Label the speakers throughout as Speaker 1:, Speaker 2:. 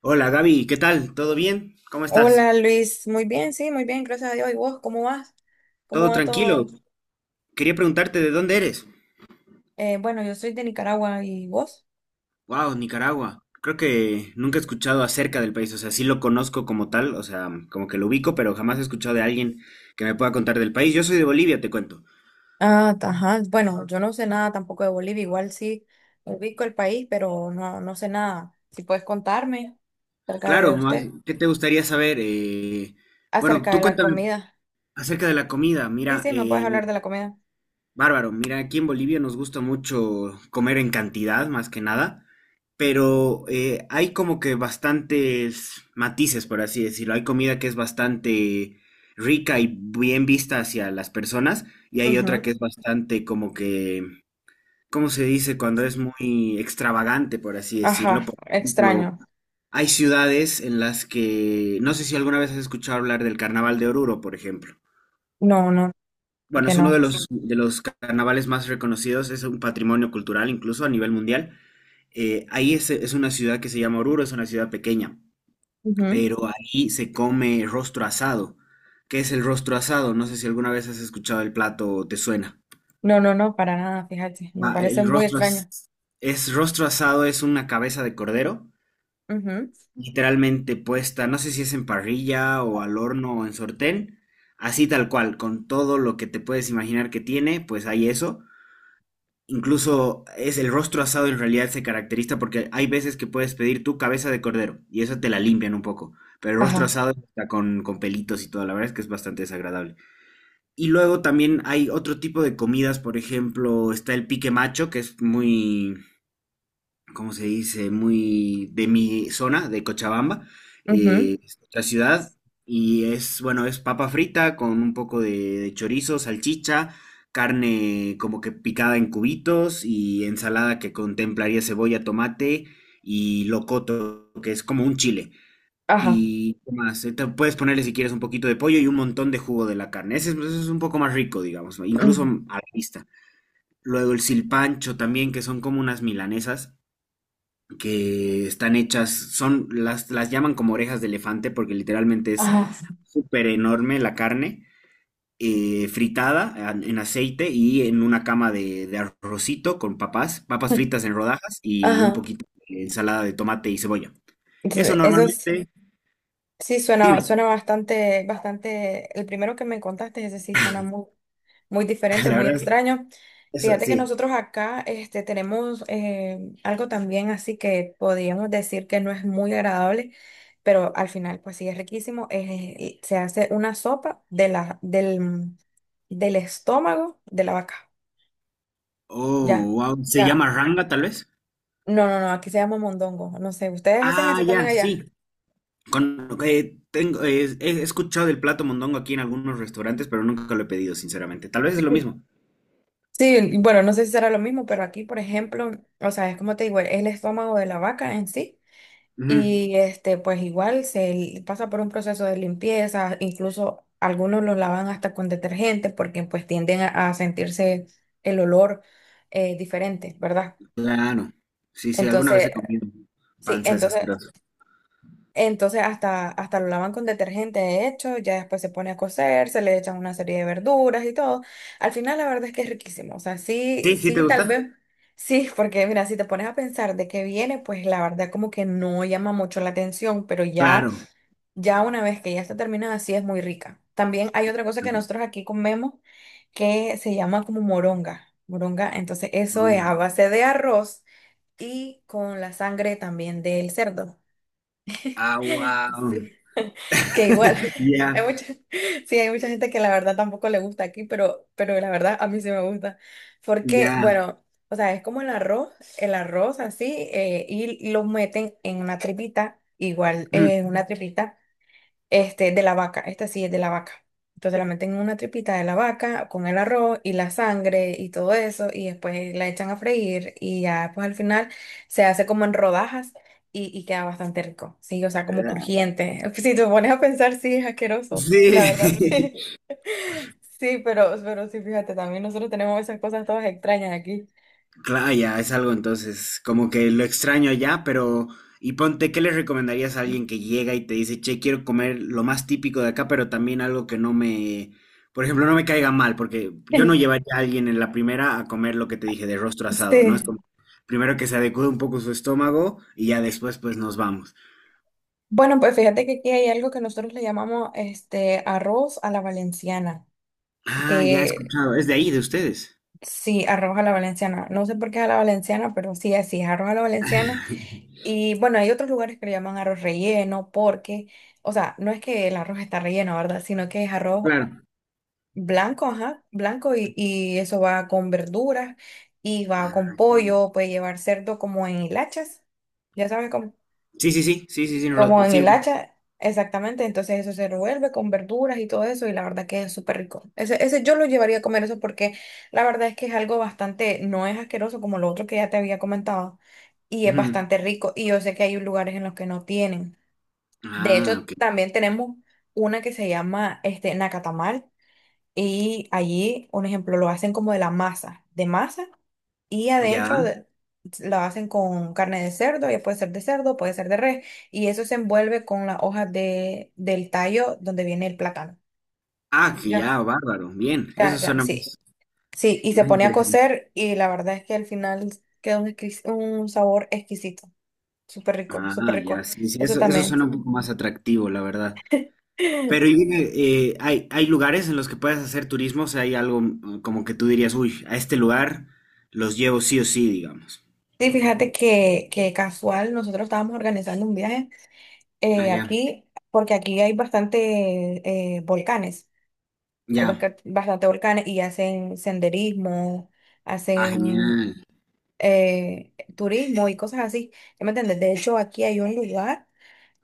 Speaker 1: Hola Gaby, ¿qué tal? ¿Todo bien? ¿Cómo estás?
Speaker 2: Hola Luis, muy bien, sí, muy bien, gracias a Dios. ¿Y vos, cómo vas? ¿Cómo
Speaker 1: ¿Todo
Speaker 2: va
Speaker 1: tranquilo?
Speaker 2: todo?
Speaker 1: Quería preguntarte de dónde eres.
Speaker 2: Bueno, yo soy de Nicaragua, ¿y vos?
Speaker 1: Wow, Nicaragua. Creo que nunca he escuchado acerca del país, o sea, sí lo conozco como tal, o sea, como que lo ubico, pero jamás he escuchado de alguien que me pueda contar del país. Yo soy de Bolivia, te cuento.
Speaker 2: Ajá, bueno, yo no sé nada tampoco de Bolivia, igual sí ubico el país, pero no, no sé nada. Si puedes contarme acerca de
Speaker 1: Claro, más,
Speaker 2: usted,
Speaker 1: ¿qué te gustaría saber? Bueno,
Speaker 2: acerca de
Speaker 1: tú
Speaker 2: la
Speaker 1: cuéntame
Speaker 2: comida.
Speaker 1: acerca de la comida.
Speaker 2: Sí,
Speaker 1: Mira,
Speaker 2: sí, me puedes hablar de la comida.
Speaker 1: bárbaro, mira, aquí en Bolivia nos gusta mucho comer en cantidad, más que nada, pero hay como que bastantes matices, por así decirlo. Hay comida que es bastante rica y bien vista hacia las personas, y hay otra que
Speaker 2: Ujú.
Speaker 1: es bastante como que, ¿cómo se dice? Cuando es muy extravagante, por así decirlo.
Speaker 2: Ajá,
Speaker 1: Por ejemplo,
Speaker 2: extraño.
Speaker 1: hay ciudades en las que, no sé si alguna vez has escuchado hablar del Carnaval de Oruro, por ejemplo.
Speaker 2: No, no, es
Speaker 1: Bueno,
Speaker 2: que
Speaker 1: es uno
Speaker 2: no.
Speaker 1: de los carnavales más reconocidos, es un patrimonio cultural incluso a nivel mundial. Ahí es una ciudad que se llama Oruro, es una ciudad pequeña,
Speaker 2: Ujú.
Speaker 1: pero ahí se come rostro asado. ¿Qué es el rostro asado? No sé si alguna vez has escuchado el plato o te suena.
Speaker 2: No, no, no, para nada, fíjate, me
Speaker 1: Va,
Speaker 2: parece muy extraño.
Speaker 1: es rostro asado, es una cabeza de cordero,
Speaker 2: Ujú.
Speaker 1: literalmente puesta, no sé si es en parrilla o al horno o en sortén, así tal cual, con todo lo que te puedes imaginar que tiene, pues hay eso. Incluso es el rostro asado, en realidad se caracteriza porque hay veces que puedes pedir tu cabeza de cordero y eso te la limpian un poco. Pero el rostro
Speaker 2: Ajá,
Speaker 1: asado está con pelitos y todo, la verdad es que es bastante desagradable. Y luego también hay otro tipo de comidas, por ejemplo, está el pique macho, que es muy, ¿cómo se dice? Muy de mi zona, de Cochabamba,
Speaker 2: ujú.
Speaker 1: es la ciudad. Y es, bueno, es papa frita con un poco de chorizo, salchicha, carne como que picada en cubitos y ensalada que contemplaría cebolla, tomate y locoto, que es como un chile.
Speaker 2: Ajá.
Speaker 1: Y ¿qué más? Te puedes ponerle si quieres un poquito de pollo y un montón de jugo de la carne. Ese, es, ese es un poco más rico, digamos, ¿no? Incluso a
Speaker 2: Ujú.
Speaker 1: la vista. Luego el silpancho también, que son como unas milanesas que están hechas, son, las llaman como orejas de elefante porque literalmente es
Speaker 2: Ajá,
Speaker 1: súper enorme la carne, fritada en aceite y en una cama de arrocito con papas, papas fritas en rodajas y un
Speaker 2: ajá.
Speaker 1: poquito de ensalada de tomate y cebolla. Eso
Speaker 2: Entonces, eso
Speaker 1: normalmente,
Speaker 2: sí suena,
Speaker 1: dime,
Speaker 2: suena bastante, bastante. El primero que me contaste, ese sí suena muy, muy diferente,
Speaker 1: la
Speaker 2: muy
Speaker 1: verdad,
Speaker 2: extraño.
Speaker 1: eso
Speaker 2: Fíjate que
Speaker 1: sí.
Speaker 2: nosotros acá este, tenemos algo también así que podríamos decir que no es muy agradable, pero al final pues sí es riquísimo. Se hace una sopa del, del estómago de la vaca. Ya,
Speaker 1: Oh, wow, se
Speaker 2: ya.
Speaker 1: llama ranga tal vez.
Speaker 2: No, no, no, aquí se llama mondongo. No sé, ¿ustedes hacen
Speaker 1: Ah,
Speaker 2: eso
Speaker 1: ya,
Speaker 2: también
Speaker 1: sí.
Speaker 2: allá?
Speaker 1: Con, tengo, he escuchado del plato mondongo aquí en algunos restaurantes, pero nunca lo he pedido, sinceramente. Tal vez es lo mismo.
Speaker 2: Sí, y bueno, no sé si será lo mismo, pero aquí, por ejemplo, o sea, es como te digo, es el estómago de la vaca en sí,
Speaker 1: Ujú,
Speaker 2: y este, pues igual pasa por un proceso de limpieza, incluso algunos los lavan hasta con detergente porque pues tienden a sentirse el olor diferente, ¿verdad?
Speaker 1: claro. Sí, sí, alguna vez
Speaker 2: Entonces,
Speaker 1: he comido
Speaker 2: sí,
Speaker 1: panza de esas
Speaker 2: entonces
Speaker 1: grasas.
Speaker 2: entonces hasta, hasta lo lavan con detergente, de hecho, ya después se pone a cocer, se le echan una serie de verduras y todo. Al final la verdad es que es riquísimo, o sea, sí,
Speaker 1: Sí, sí, ¿te
Speaker 2: sí, tal
Speaker 1: gusta?
Speaker 2: vez, sí, porque mira, si te pones a pensar de qué viene, pues la verdad como que no llama mucho la atención, pero ya,
Speaker 1: Claro.
Speaker 2: ya una vez que ya está terminada, sí es muy rica. También hay otra cosa que nosotros aquí comemos que se llama como moronga, moronga, entonces eso es a
Speaker 1: Mm.
Speaker 2: base de arroz y con la sangre también del cerdo.
Speaker 1: Ah, wow.
Speaker 2: Sí. Que igual,
Speaker 1: Ya,
Speaker 2: hay mucha, sí, hay mucha gente que la verdad tampoco le gusta aquí, pero la verdad a mí sí me gusta. Porque,
Speaker 1: ya.
Speaker 2: bueno, o sea, es como el arroz así, y lo meten en una tripita, igual,
Speaker 1: Mm,
Speaker 2: en una tripita este, de la vaca, esta sí es de la vaca. Entonces la meten en una tripita de la vaca con el arroz y la sangre y todo eso y después la echan a freír y ya pues al final se hace como en rodajas y queda bastante rico, sí, o sea, como
Speaker 1: ah,
Speaker 2: crujiente. Si te pones a pensar, sí, es asqueroso, sí, la verdad,
Speaker 1: sí.
Speaker 2: sí. Sí, pero sí, fíjate, también nosotros tenemos esas cosas todas extrañas aquí.
Speaker 1: Claro, ya es algo entonces, como que lo extraño allá, pero y ponte, ¿qué le recomendarías a alguien que llega y te dice, che, quiero comer lo más típico de acá, pero también algo que no me, por ejemplo, no me caiga mal, porque yo no llevaría a alguien en la primera a comer lo que te dije de rostro asado, ¿no? Es
Speaker 2: Sí.
Speaker 1: como primero que se adecue un poco su estómago y ya después pues nos vamos.
Speaker 2: Bueno, pues fíjate que aquí hay algo que nosotros le llamamos este arroz a la valenciana,
Speaker 1: Ah, ya he
Speaker 2: que
Speaker 1: escuchado, es de ahí, de ustedes.
Speaker 2: sí, arroz a la valenciana. No sé por qué es a la valenciana, pero sí, así es arroz a la valenciana. Y bueno, hay otros lugares que le llaman arroz relleno porque, o sea, no es que el arroz está relleno, ¿verdad? Sino que es arroz
Speaker 1: Claro.
Speaker 2: blanco, ajá, blanco y eso va con verduras y va con
Speaker 1: Ah, ya.
Speaker 2: pollo, puede llevar cerdo como en hilachas. Ya sabes,
Speaker 1: Sí, sí, sí, sí, sí, sí,
Speaker 2: como en
Speaker 1: sí.
Speaker 2: el hacha, exactamente. Entonces eso se revuelve con verduras y todo eso y la verdad que es súper rico. Ese yo lo llevaría a comer eso porque la verdad es que es algo bastante, no es asqueroso como lo otro que ya te había comentado y es
Speaker 1: Ujú.
Speaker 2: bastante rico y yo sé que hay lugares en los que no tienen. De hecho,
Speaker 1: Ah, ok.
Speaker 2: también tenemos una que se llama este Nacatamal y allí, un ejemplo, lo hacen como de la masa, de masa. Y
Speaker 1: Ya.
Speaker 2: lo hacen con carne de cerdo, ya puede ser de cerdo, puede ser de res, y eso se envuelve con las hojas del tallo donde viene el plátano.
Speaker 1: Ah, que
Speaker 2: Ya.
Speaker 1: ya, bárbaro. Bien, eso
Speaker 2: Ya, ya,
Speaker 1: suena más,
Speaker 2: sí. Sí, y se
Speaker 1: más
Speaker 2: pone a
Speaker 1: interesante.
Speaker 2: cocer y la verdad es que al final queda un, un sabor exquisito, súper rico, súper
Speaker 1: Ah,
Speaker 2: rico.
Speaker 1: ya, sí, sí,
Speaker 2: Eso
Speaker 1: eso
Speaker 2: también.
Speaker 1: suena un poco más atractivo, la verdad. Pero y dime, ¿hay, hay lugares en los que puedes hacer turismo? O sea, hay algo mm, como que tú dirías, uy, a este lugar los llevo sí o sí, digamos.
Speaker 2: Sí, fíjate que casual, nosotros estábamos organizando un viaje
Speaker 1: Ah, ya,
Speaker 2: aquí, porque aquí hay bastante volcanes. Hay
Speaker 1: ya.
Speaker 2: bastante volcanes y hacen senderismo,
Speaker 1: Ah,
Speaker 2: hacen
Speaker 1: genial.
Speaker 2: turismo y cosas así. ¿Ya me entiendes? De hecho, aquí hay un lugar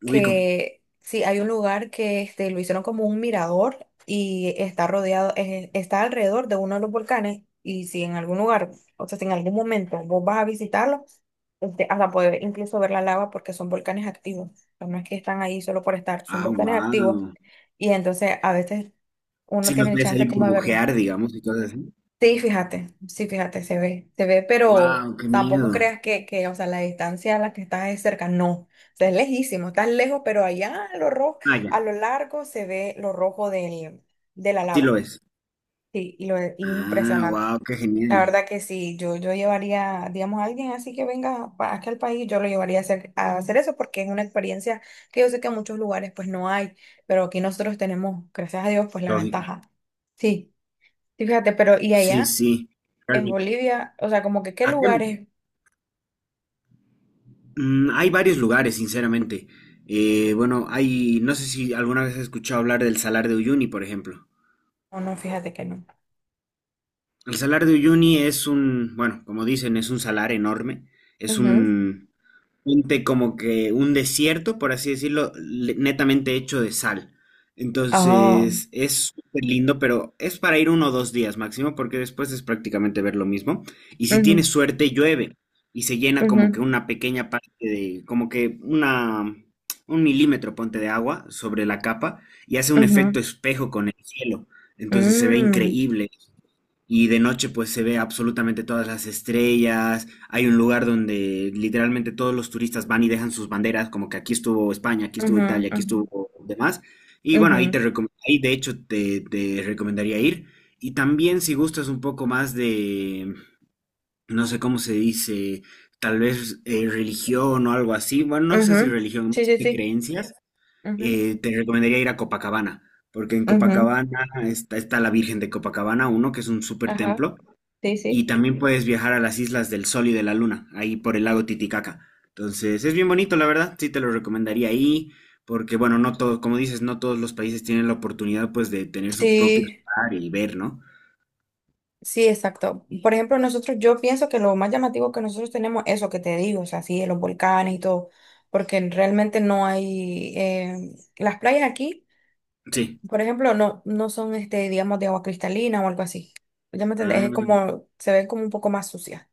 Speaker 1: Ubico.
Speaker 2: que, sí, hay un lugar que este, lo hicieron como un mirador y está rodeado, está alrededor de uno de los volcanes. Y si en algún lugar, o sea, si en algún momento vos vas a visitarlo, este, hasta poder incluso ver la lava porque son volcanes activos. O sea, no es que están ahí solo por estar, son
Speaker 1: Ah,
Speaker 2: volcanes activos
Speaker 1: wow.
Speaker 2: y entonces a veces uno
Speaker 1: Sí los
Speaker 2: tiene el
Speaker 1: ves
Speaker 2: chance
Speaker 1: ahí
Speaker 2: como de verlo.
Speaker 1: burbujear, digamos, y cosas así.
Speaker 2: Sí, fíjate, se ve, pero
Speaker 1: Wow, qué
Speaker 2: tampoco
Speaker 1: miedo.
Speaker 2: creas que, o sea, la distancia a la que estás es cerca, no, o sea, es lejísimo, estás lejos, pero allá a lo rojo,
Speaker 1: Ah,
Speaker 2: a
Speaker 1: ya,
Speaker 2: lo largo se ve lo rojo de la
Speaker 1: sí lo
Speaker 2: lava,
Speaker 1: ves.
Speaker 2: sí, y es
Speaker 1: Ah,
Speaker 2: impresionante.
Speaker 1: wow, qué
Speaker 2: La
Speaker 1: genial.
Speaker 2: verdad que sí, yo llevaría, digamos, a alguien así que venga aquí al país, yo lo llevaría a hacer eso porque es una experiencia que yo sé que en muchos lugares pues no hay, pero aquí nosotros tenemos, gracias a Dios, pues la
Speaker 1: Lógico.
Speaker 2: ventaja. Sí, sí, fíjate, pero ¿y
Speaker 1: Sí,
Speaker 2: allá?
Speaker 1: sí.
Speaker 2: En Bolivia, o sea, como que qué
Speaker 1: Acá
Speaker 2: lugares.
Speaker 1: mm, hay varios lugares, sinceramente. Bueno, hay, no sé si alguna vez has escuchado hablar del Salar de Uyuni, por ejemplo.
Speaker 2: O no, fíjate que no.
Speaker 1: El Salar de Uyuni es un, bueno, como dicen, es un salar enorme. Es
Speaker 2: Ujú.
Speaker 1: un, ponte como que un desierto, por así decirlo, netamente hecho de sal.
Speaker 2: Oh,
Speaker 1: Entonces es súper lindo, pero es para ir uno o dos días máximo, porque después es prácticamente ver lo mismo. Y si tienes
Speaker 2: ujú,
Speaker 1: suerte, llueve y se llena como que
Speaker 2: ujú,
Speaker 1: una pequeña parte de, como que una, un milímetro, ponte de agua sobre la capa y hace un efecto
Speaker 2: ujú,
Speaker 1: espejo con el cielo. Entonces se ve
Speaker 2: mm,
Speaker 1: increíble. Y de noche pues se ve absolutamente todas las estrellas. Hay un lugar donde literalmente todos los turistas van y dejan sus banderas, como que aquí estuvo España, aquí estuvo
Speaker 2: ujú,
Speaker 1: Italia, aquí
Speaker 2: ujú,
Speaker 1: estuvo demás. Y bueno,
Speaker 2: ujú,
Speaker 1: ahí de hecho te, te recomendaría ir. Y también si gustas un poco más de, no sé cómo se dice, tal vez religión o algo así. Bueno, no sé si
Speaker 2: ujú.
Speaker 1: religión,
Speaker 2: Sí,
Speaker 1: más
Speaker 2: sí,
Speaker 1: de
Speaker 2: sí.
Speaker 1: creencias,
Speaker 2: Ujú,
Speaker 1: te recomendaría ir a Copacabana. Porque en
Speaker 2: ujú,
Speaker 1: Copacabana está, está la Virgen de Copacabana, uno que es un súper
Speaker 2: ajá,
Speaker 1: templo.
Speaker 2: sí,
Speaker 1: Y
Speaker 2: sí.
Speaker 1: también puedes viajar a las islas del Sol y de la Luna, ahí por el lago Titicaca. Entonces, es bien bonito, la verdad, sí te lo recomendaría ahí, porque bueno, no todo, como dices, no todos los países tienen la oportunidad pues de tener su propio
Speaker 2: Sí,
Speaker 1: mar y ver, ¿no?
Speaker 2: sí, exacto. Por ejemplo, nosotros, yo pienso que lo más llamativo que nosotros tenemos, eso que te digo, o sea, sí, de los volcanes y todo, porque realmente no hay, las playas aquí.
Speaker 1: Sí.
Speaker 2: Por ejemplo, no, no son este, digamos, de agua cristalina o algo así. Ya me entendés, es
Speaker 1: Ah,
Speaker 2: como, se ven como un poco más sucia.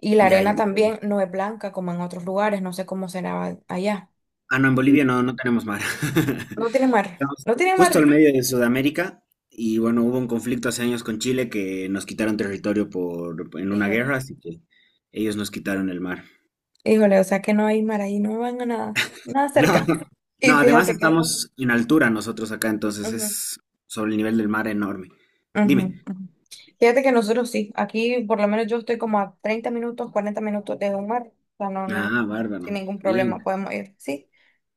Speaker 2: Y la
Speaker 1: ya,
Speaker 2: arena
Speaker 1: ya.
Speaker 2: también no es blanca como en otros lugares, no sé cómo será allá.
Speaker 1: Ah, no, en Bolivia no, no tenemos mar.
Speaker 2: No tiene mar,
Speaker 1: Estamos
Speaker 2: no tiene
Speaker 1: justo al
Speaker 2: mar.
Speaker 1: medio de Sudamérica y bueno, hubo un conflicto hace años con Chile que nos quitaron territorio por, en una
Speaker 2: Híjole,
Speaker 1: guerra, así que ellos nos quitaron el mar.
Speaker 2: híjole, o sea que no hay mar ahí, no van a nada, nada
Speaker 1: No,
Speaker 2: cerca. Y
Speaker 1: no, además
Speaker 2: fíjate que,
Speaker 1: estamos en altura nosotros acá, entonces
Speaker 2: ujú,
Speaker 1: es sobre el nivel del mar enorme.
Speaker 2: ujú,
Speaker 1: Dime.
Speaker 2: ujú. Fíjate que nosotros sí, aquí por lo menos yo estoy como a 30 minutos, 40 minutos de un mar, o sea, no, no,
Speaker 1: Ah, bárbaro.
Speaker 2: sin ningún problema
Speaker 1: Bien,
Speaker 2: podemos ir, sí,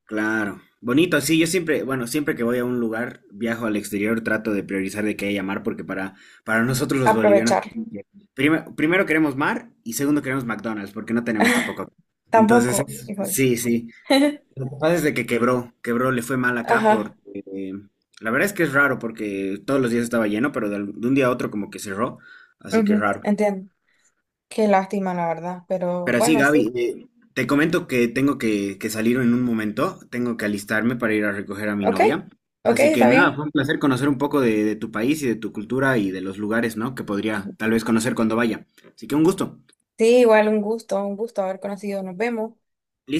Speaker 1: claro. Bonito, sí, yo siempre, bueno, siempre que voy a un lugar, viajo al exterior, trato de priorizar de que haya mar, porque para nosotros los bolivianos,
Speaker 2: aprovechar.
Speaker 1: primero queremos mar y segundo queremos McDonald's, porque no tenemos tampoco. Entonces,
Speaker 2: Tampoco, híjole.
Speaker 1: sí, sí. Lo que pasa es de que quebró, le fue mal acá
Speaker 2: Ajá,
Speaker 1: porque eh, la verdad es que es raro porque todos los días estaba lleno, pero de, de un día a otro como que cerró, así que es
Speaker 2: ujú,
Speaker 1: raro.
Speaker 2: entiendo. Qué lástima, la verdad, pero
Speaker 1: Pero sí,
Speaker 2: bueno, sí.
Speaker 1: Gaby, te comento que que salir en un momento, tengo que alistarme para ir a recoger a mi
Speaker 2: Ok,
Speaker 1: novia.
Speaker 2: ok,
Speaker 1: Así que
Speaker 2: está
Speaker 1: nada,
Speaker 2: bien.
Speaker 1: fue un placer conocer un poco de tu país y de tu cultura y de los lugares, ¿no? Que podría tal vez conocer cuando vaya. Así que un gusto.
Speaker 2: Sí, igual un gusto haber conocido. Nos vemos.